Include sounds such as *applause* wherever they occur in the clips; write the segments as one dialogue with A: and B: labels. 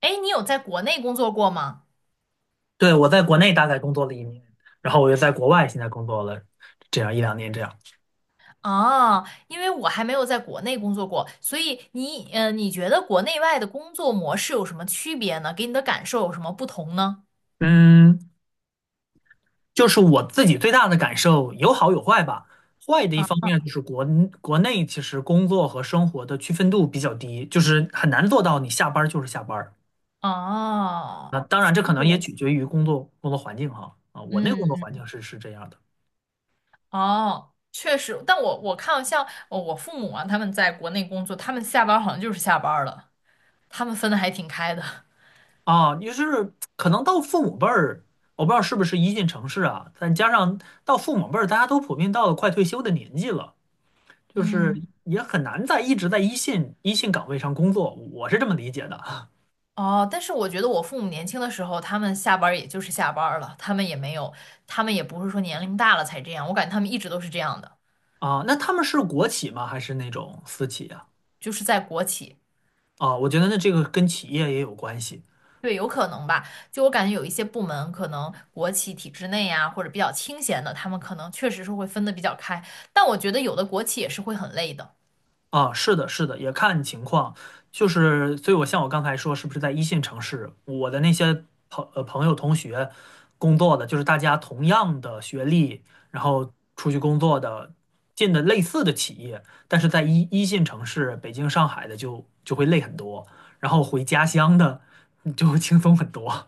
A: 哎，你有在国内工作过吗？
B: 对，我在国内大概工作了一年，然后我又在国外现在工作了这样一两年这样。
A: 啊，因为我还没有在国内工作过，所以你觉得国内外的工作模式有什么区别呢？给你的感受有什么不同呢？
B: 嗯，就是我自己最大的感受有好有坏吧。坏的一方面就是国内其实工作和生活的区分度比较低，就是很难做到你下班儿就是下班儿。
A: 哦，
B: 那当然这可能也取
A: Yes.
B: 决于工作环境哈。啊，我那个工作
A: 嗯
B: 环
A: 嗯，
B: 境是这样的。
A: 哦，确实，但我看像我父母啊，他们在国内工作，他们下班儿好像就是下班儿了，他们分的还挺开的。*laughs*
B: 啊，也就是可能到父母辈儿，我不知道是不是一线城市啊，再加上到父母辈儿，大家都普遍到了快退休的年纪了。就是
A: 嗯。
B: 也很难一直在一线岗位上工作，我是这么理解的。
A: 哦，但是我觉得我父母年轻的时候，他们下班儿也就是下班儿了，他们也没有，他们也不是说年龄大了才这样，我感觉他们一直都是这样的，
B: 啊，那他们是国企吗？还是那种私企啊？
A: 就是在国企，
B: 啊，我觉得那这个跟企业也有关系。
A: 对，有可能吧。就我感觉有一些部门，可能国企体制内啊，或者比较清闲的，他们可能确实是会分得比较开，但我觉得有的国企也是会很累的，
B: 啊，是的，是的，也看情况，就是，所以我像我刚才说，是不是在一线城市，我的那些朋友、同学工作的，就是大家同样的学历，然后出去工作的，进的类似的企业，但是在一线城市，北京、上海的就会累很多，然后回家乡的 *laughs* 就会轻松很多。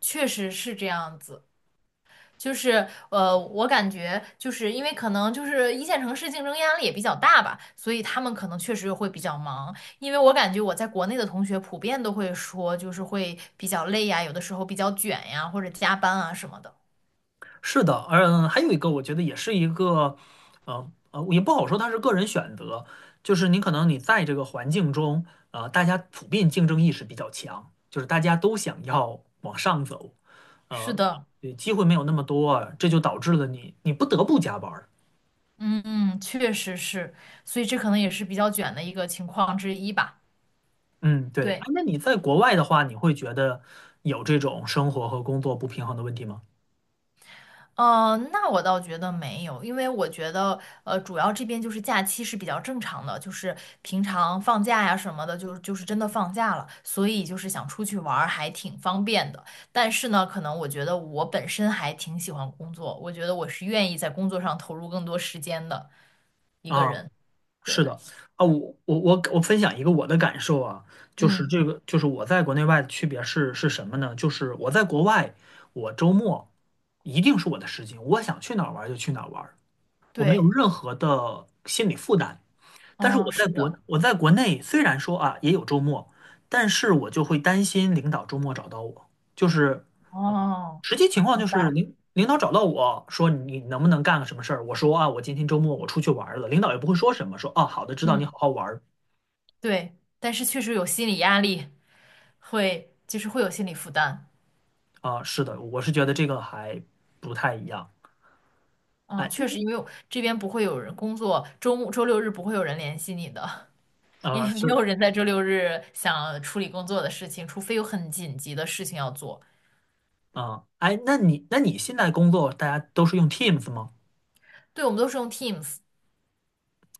A: 确实是这样子。就是我感觉就是因为可能就是一线城市竞争压力也比较大吧，所以他们可能确实会比较忙。因为我感觉我在国内的同学普遍都会说，就是会比较累呀，有的时候比较卷呀，或者加班啊什么的。
B: 是的，还有一个，我觉得也是一个，也不好说它是个人选择，就是你可能在这个环境中，大家普遍竞争意识比较强，就是大家都想要往上走，
A: 是
B: 呃，
A: 的，
B: 对机会没有那么多，这就导致了你不得不加班儿。
A: 嗯嗯，确实是，所以这可能也是比较卷的一个情况之一吧。
B: 嗯，对。哎，
A: 对。
B: 那你在国外的话，你会觉得有这种生活和工作不平衡的问题吗？
A: 那我倒觉得没有，因为我觉得，主要这边就是假期是比较正常的，就是平常放假呀什么的，就是真的放假了，所以就是想出去玩儿还挺方便的。但是呢，可能我觉得我本身还挺喜欢工作，我觉得我是愿意在工作上投入更多时间的一个
B: 啊。
A: 人。
B: 是
A: 对，
B: 的。啊，我分享一个我的感受啊，就是
A: 嗯，
B: 这个，就是我在国内外的区别是什么呢？就是我在国外，我周末一定是我的时间，我想去哪儿玩儿就去哪儿玩儿，我没有
A: 对，
B: 任何的心理负担。但是
A: 哦，
B: 我
A: 是
B: 在国
A: 的，
B: 我在国内，虽然说啊也有周末，但是我就会担心领导周末找到我，就是
A: 哦，
B: 实际情况就
A: 明白，
B: 是领导找到我说你能不能干个什么事儿，我说啊我今天周末我出去玩儿了，领导也不会说什么，说哦好的知道你好
A: 嗯，
B: 好玩。
A: 对，但是确实有心理压力，会，就是会有心理负担。
B: 啊，是的，我是觉得这个还不太一样。
A: 啊，
B: 哎，
A: 确实，因为我这边不会有人工作，周末、周六日不会有人联系你的，*laughs* 因
B: 啊，
A: 为没
B: 是
A: 有人在周六日想处理工作的事情，除非有很紧急的事情要做。
B: 啊，哎，那你现在工作大家都是用 Teams 吗？
A: 对，我们都是用 Teams。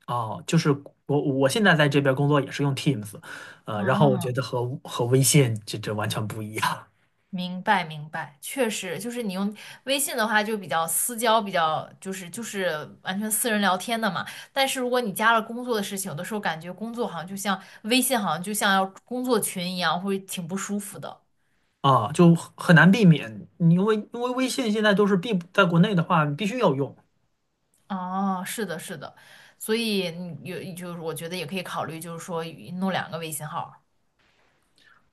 B: 哦，就是我现在在这边工作也是用 Teams,呃，然后我觉
A: 嗯，
B: 得和微信这完全不一样。
A: 明白明白，确实，就是你用微信的话就比较私交，比较就是完全私人聊天的嘛。但是如果你加了工作的事情，有的时候感觉工作好像就像微信，好像就像要工作群一样，会挺不舒服的。
B: 啊，就很难避免，因为微信现在都是必在国内的话你必须要用，
A: 哦，是的，是的，所以你有就是我觉得也可以考虑，就是说弄两个微信号儿，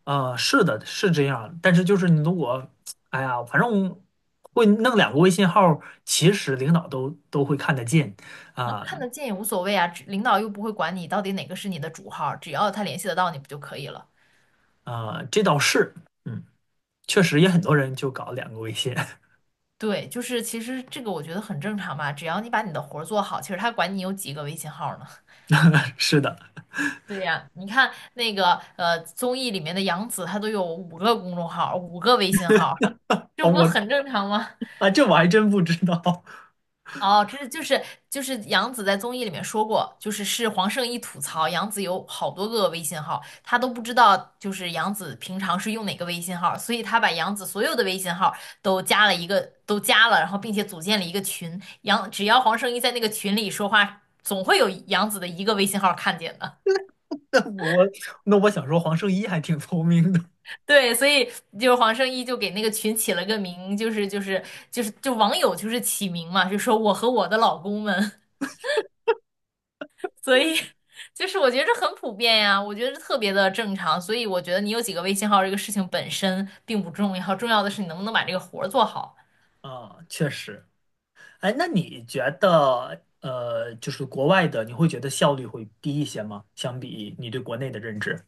B: 是的，是这样，但是就是你如果，哎呀，反正会弄两个微信号，其实领导都会看得见。
A: 那
B: 啊，
A: 看得见也无所谓啊，只领导又不会管你到底哪个是你的主号儿，只要他联系得到你不就可以了？
B: 啊，这倒是，嗯，确实也很多人就搞两个微信，
A: 对，就是其实这个我觉得很正常嘛，只要你把你的活儿做好，其实他管你有几个微信号儿呢？
B: *laughs* 是的，
A: *laughs* 对呀，你看那个综艺里面的杨紫，她都有五个公众号儿，五个微信号儿，
B: 哦，
A: 这不
B: 我
A: 很正常吗？
B: 啊，这我还真不知道，
A: 哦，这是就是杨紫在综艺里面说过，就是是黄圣依吐槽杨紫有好多个微信号，她都不知道就是杨紫平常是用哪个微信号，所以她把杨紫所有的微信号都加了一个都加了，然后并且组建了一个群，只要黄圣依在那个群里说话，总会有杨紫的一个微信号看见的。*laughs*
B: *laughs* 那我那我想说黄圣依还挺聪明的。
A: 对，所以就是黄圣依就给那个群起了个名，就网友就是起名嘛，就说我和我的老公们。所以就是我觉得这很普遍呀，我觉得这特别的正常。所以我觉得你有几个微信号这个事情本身并不重要，重要的是你能不能把这个活儿做好。
B: 啊，确实，哎，那你觉得就是国外的，你会觉得效率会低一些吗？相比你对国内的认知？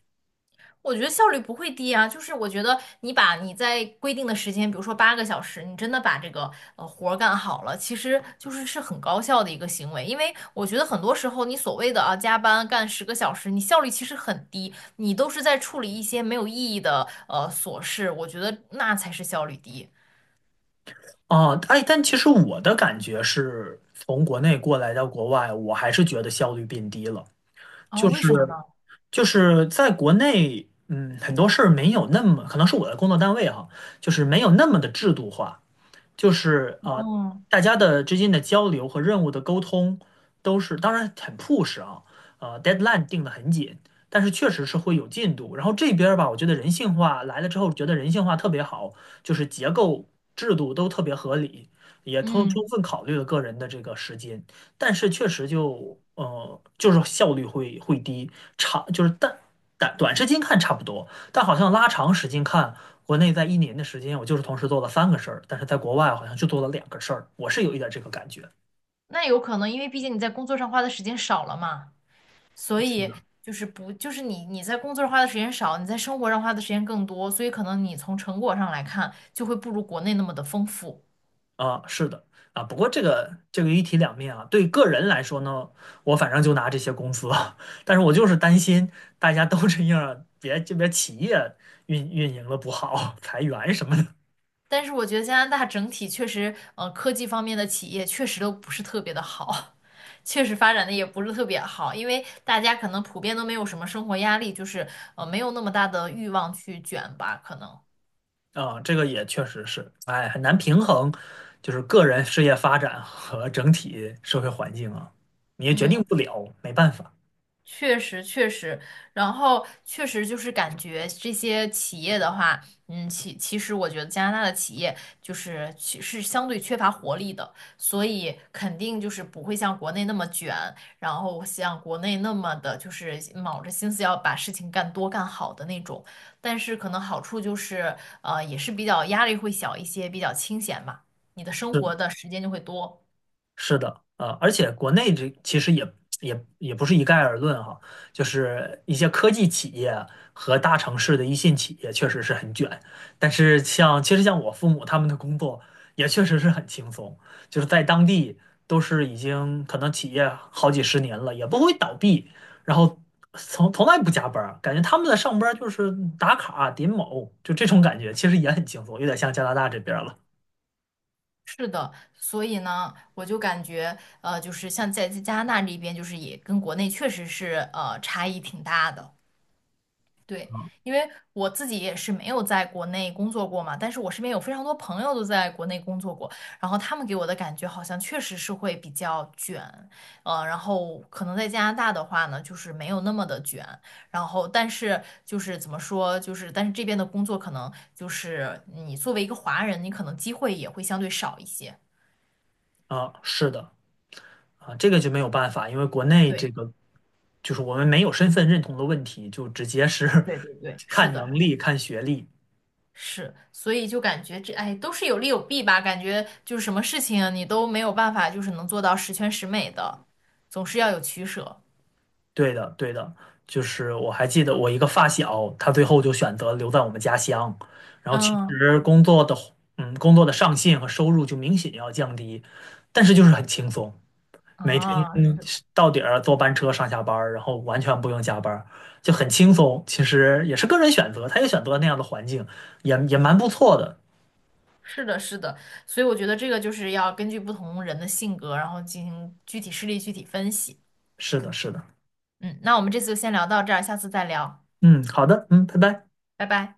A: 我觉得效率不会低啊，就是我觉得你把你在规定的时间，比如说八个小时，你真的把这个活儿干好了，其实就是是很高效的一个行为。因为我觉得很多时候你所谓的啊加班干十个小时，你效率其实很低，你都是在处理一些没有意义的琐事，我觉得那才是效率低。
B: 哦，哎，但其实我的感觉是，从国内过来到国外，我还是觉得效率变低了。
A: 哦，
B: 就
A: 为
B: 是
A: 什么呢？
B: 就是在国内，嗯，很多事儿没有那么，可能是我的工作单位哈，就是没有那么的制度化。就是呃，
A: 哦，
B: 大家的之间的交流和任务的沟通都是，当然很 push 啊，deadline 定得很紧，但是确实是会有进度。然后这边儿吧，我觉得人性化来了之后，觉得人性化特别好，就是结构制度都特别合理，也充充
A: 嗯，
B: 分考虑了个人的这个时间，但是确实就是效率会低，长就是但短时间看差不多，但好像拉长时间看。国内在一年的时间，我就是同时做了三个事儿，但是在国外好像就做了两个事儿，我是有一点这个感觉。
A: 那有可能，因为毕竟你在工作上花的时间少了嘛，所
B: 是的，
A: 以就是不，就是你在工作上花的时间少，你在生活上花的时间更多，所以可能你从成果上来看就会不如国内那么的丰富。
B: 啊，是的啊。不过这个这个一体两面啊，对个人来说呢，我反正就拿这些公司资，*laughs* 但是我就是担心大家都这样，别这边企业运营了不好，裁员什么的。
A: 但是我觉得加拿大整体确实，科技方面的企业确实都不是特别的好，*laughs* 确实发展的也不是特别好，因为大家可能普遍都没有什么生活压力，就是没有那么大的欲望去卷吧，可能。
B: 啊，这个也确实是，哎，很难平衡，就是个人事业发展和整体社会环境啊，你也决定
A: 嗯。
B: 不了，没办法。
A: 确实，确实，然后确实就是感觉这些企业的话，嗯，其实我觉得加拿大的企业就是其是相对缺乏活力的，所以肯定就是不会像国内那么卷，然后像国内那么的就是卯着心思要把事情干多干好的那种。但是可能好处就是，也是比较压力会小一些，比较清闲嘛，你的生活
B: 是，
A: 的时间就会多。
B: 是的，而且国内这其实也不是一概而论哈，就是一些科技企业和大城市的一线企业确实是很卷，但是像其实像我父母他们的工作也确实是很轻松，就是在当地都是已经可能企业好几十年了，也不会倒闭，然后从来不加班儿，感觉他们的上班儿就是打卡点卯，就这种感觉，其实也很轻松，有点像加拿大这边儿了。
A: 是的，所以呢，我就感觉，就是像在加拿大这边，就是也跟国内确实是差异挺大的。对，因为我自己也是没有在国内工作过嘛，但是我身边有非常多朋友都在国内工作过，然后他们给我的感觉好像确实是会比较卷，然后可能在加拿大的话呢，就是没有那么的卷，然后但是就是怎么说，就是但是这边的工作可能就是你作为一个华人，你可能机会也会相对少一些。
B: 啊，是的。啊，这个就没有办法，因为国内这
A: 对
B: 个就是我们没有身份认同的问题，就直接是
A: 对对对，
B: *laughs*
A: 是
B: 看能
A: 的，
B: 力、看学历。
A: 是，所以就感觉这，哎，都是有利有弊吧。感觉就是什么事情你都没有办法，就是能做到十全十美的，总是要有取舍。
B: 对的，对的，就是我还记得我一个发小，他最后就选择留在我们家乡，然后其
A: 嗯，
B: 实工作的，嗯，工作的上限和收入就明显要降低，但是就是很轻松，每天
A: 啊，是
B: 到点儿坐班车上下班儿，然后完全不用加班儿，就很轻松。其实也是个人选择，他也选择了那样的环境，也蛮不错的。
A: 是的，是的，所以我觉得这个就是要根据不同人的性格，然后进行具体事例具体分析。
B: 是的，是的。
A: 嗯，那我们这次就先聊到这儿，下次再聊，
B: 嗯，好的，嗯，拜拜。
A: 拜拜。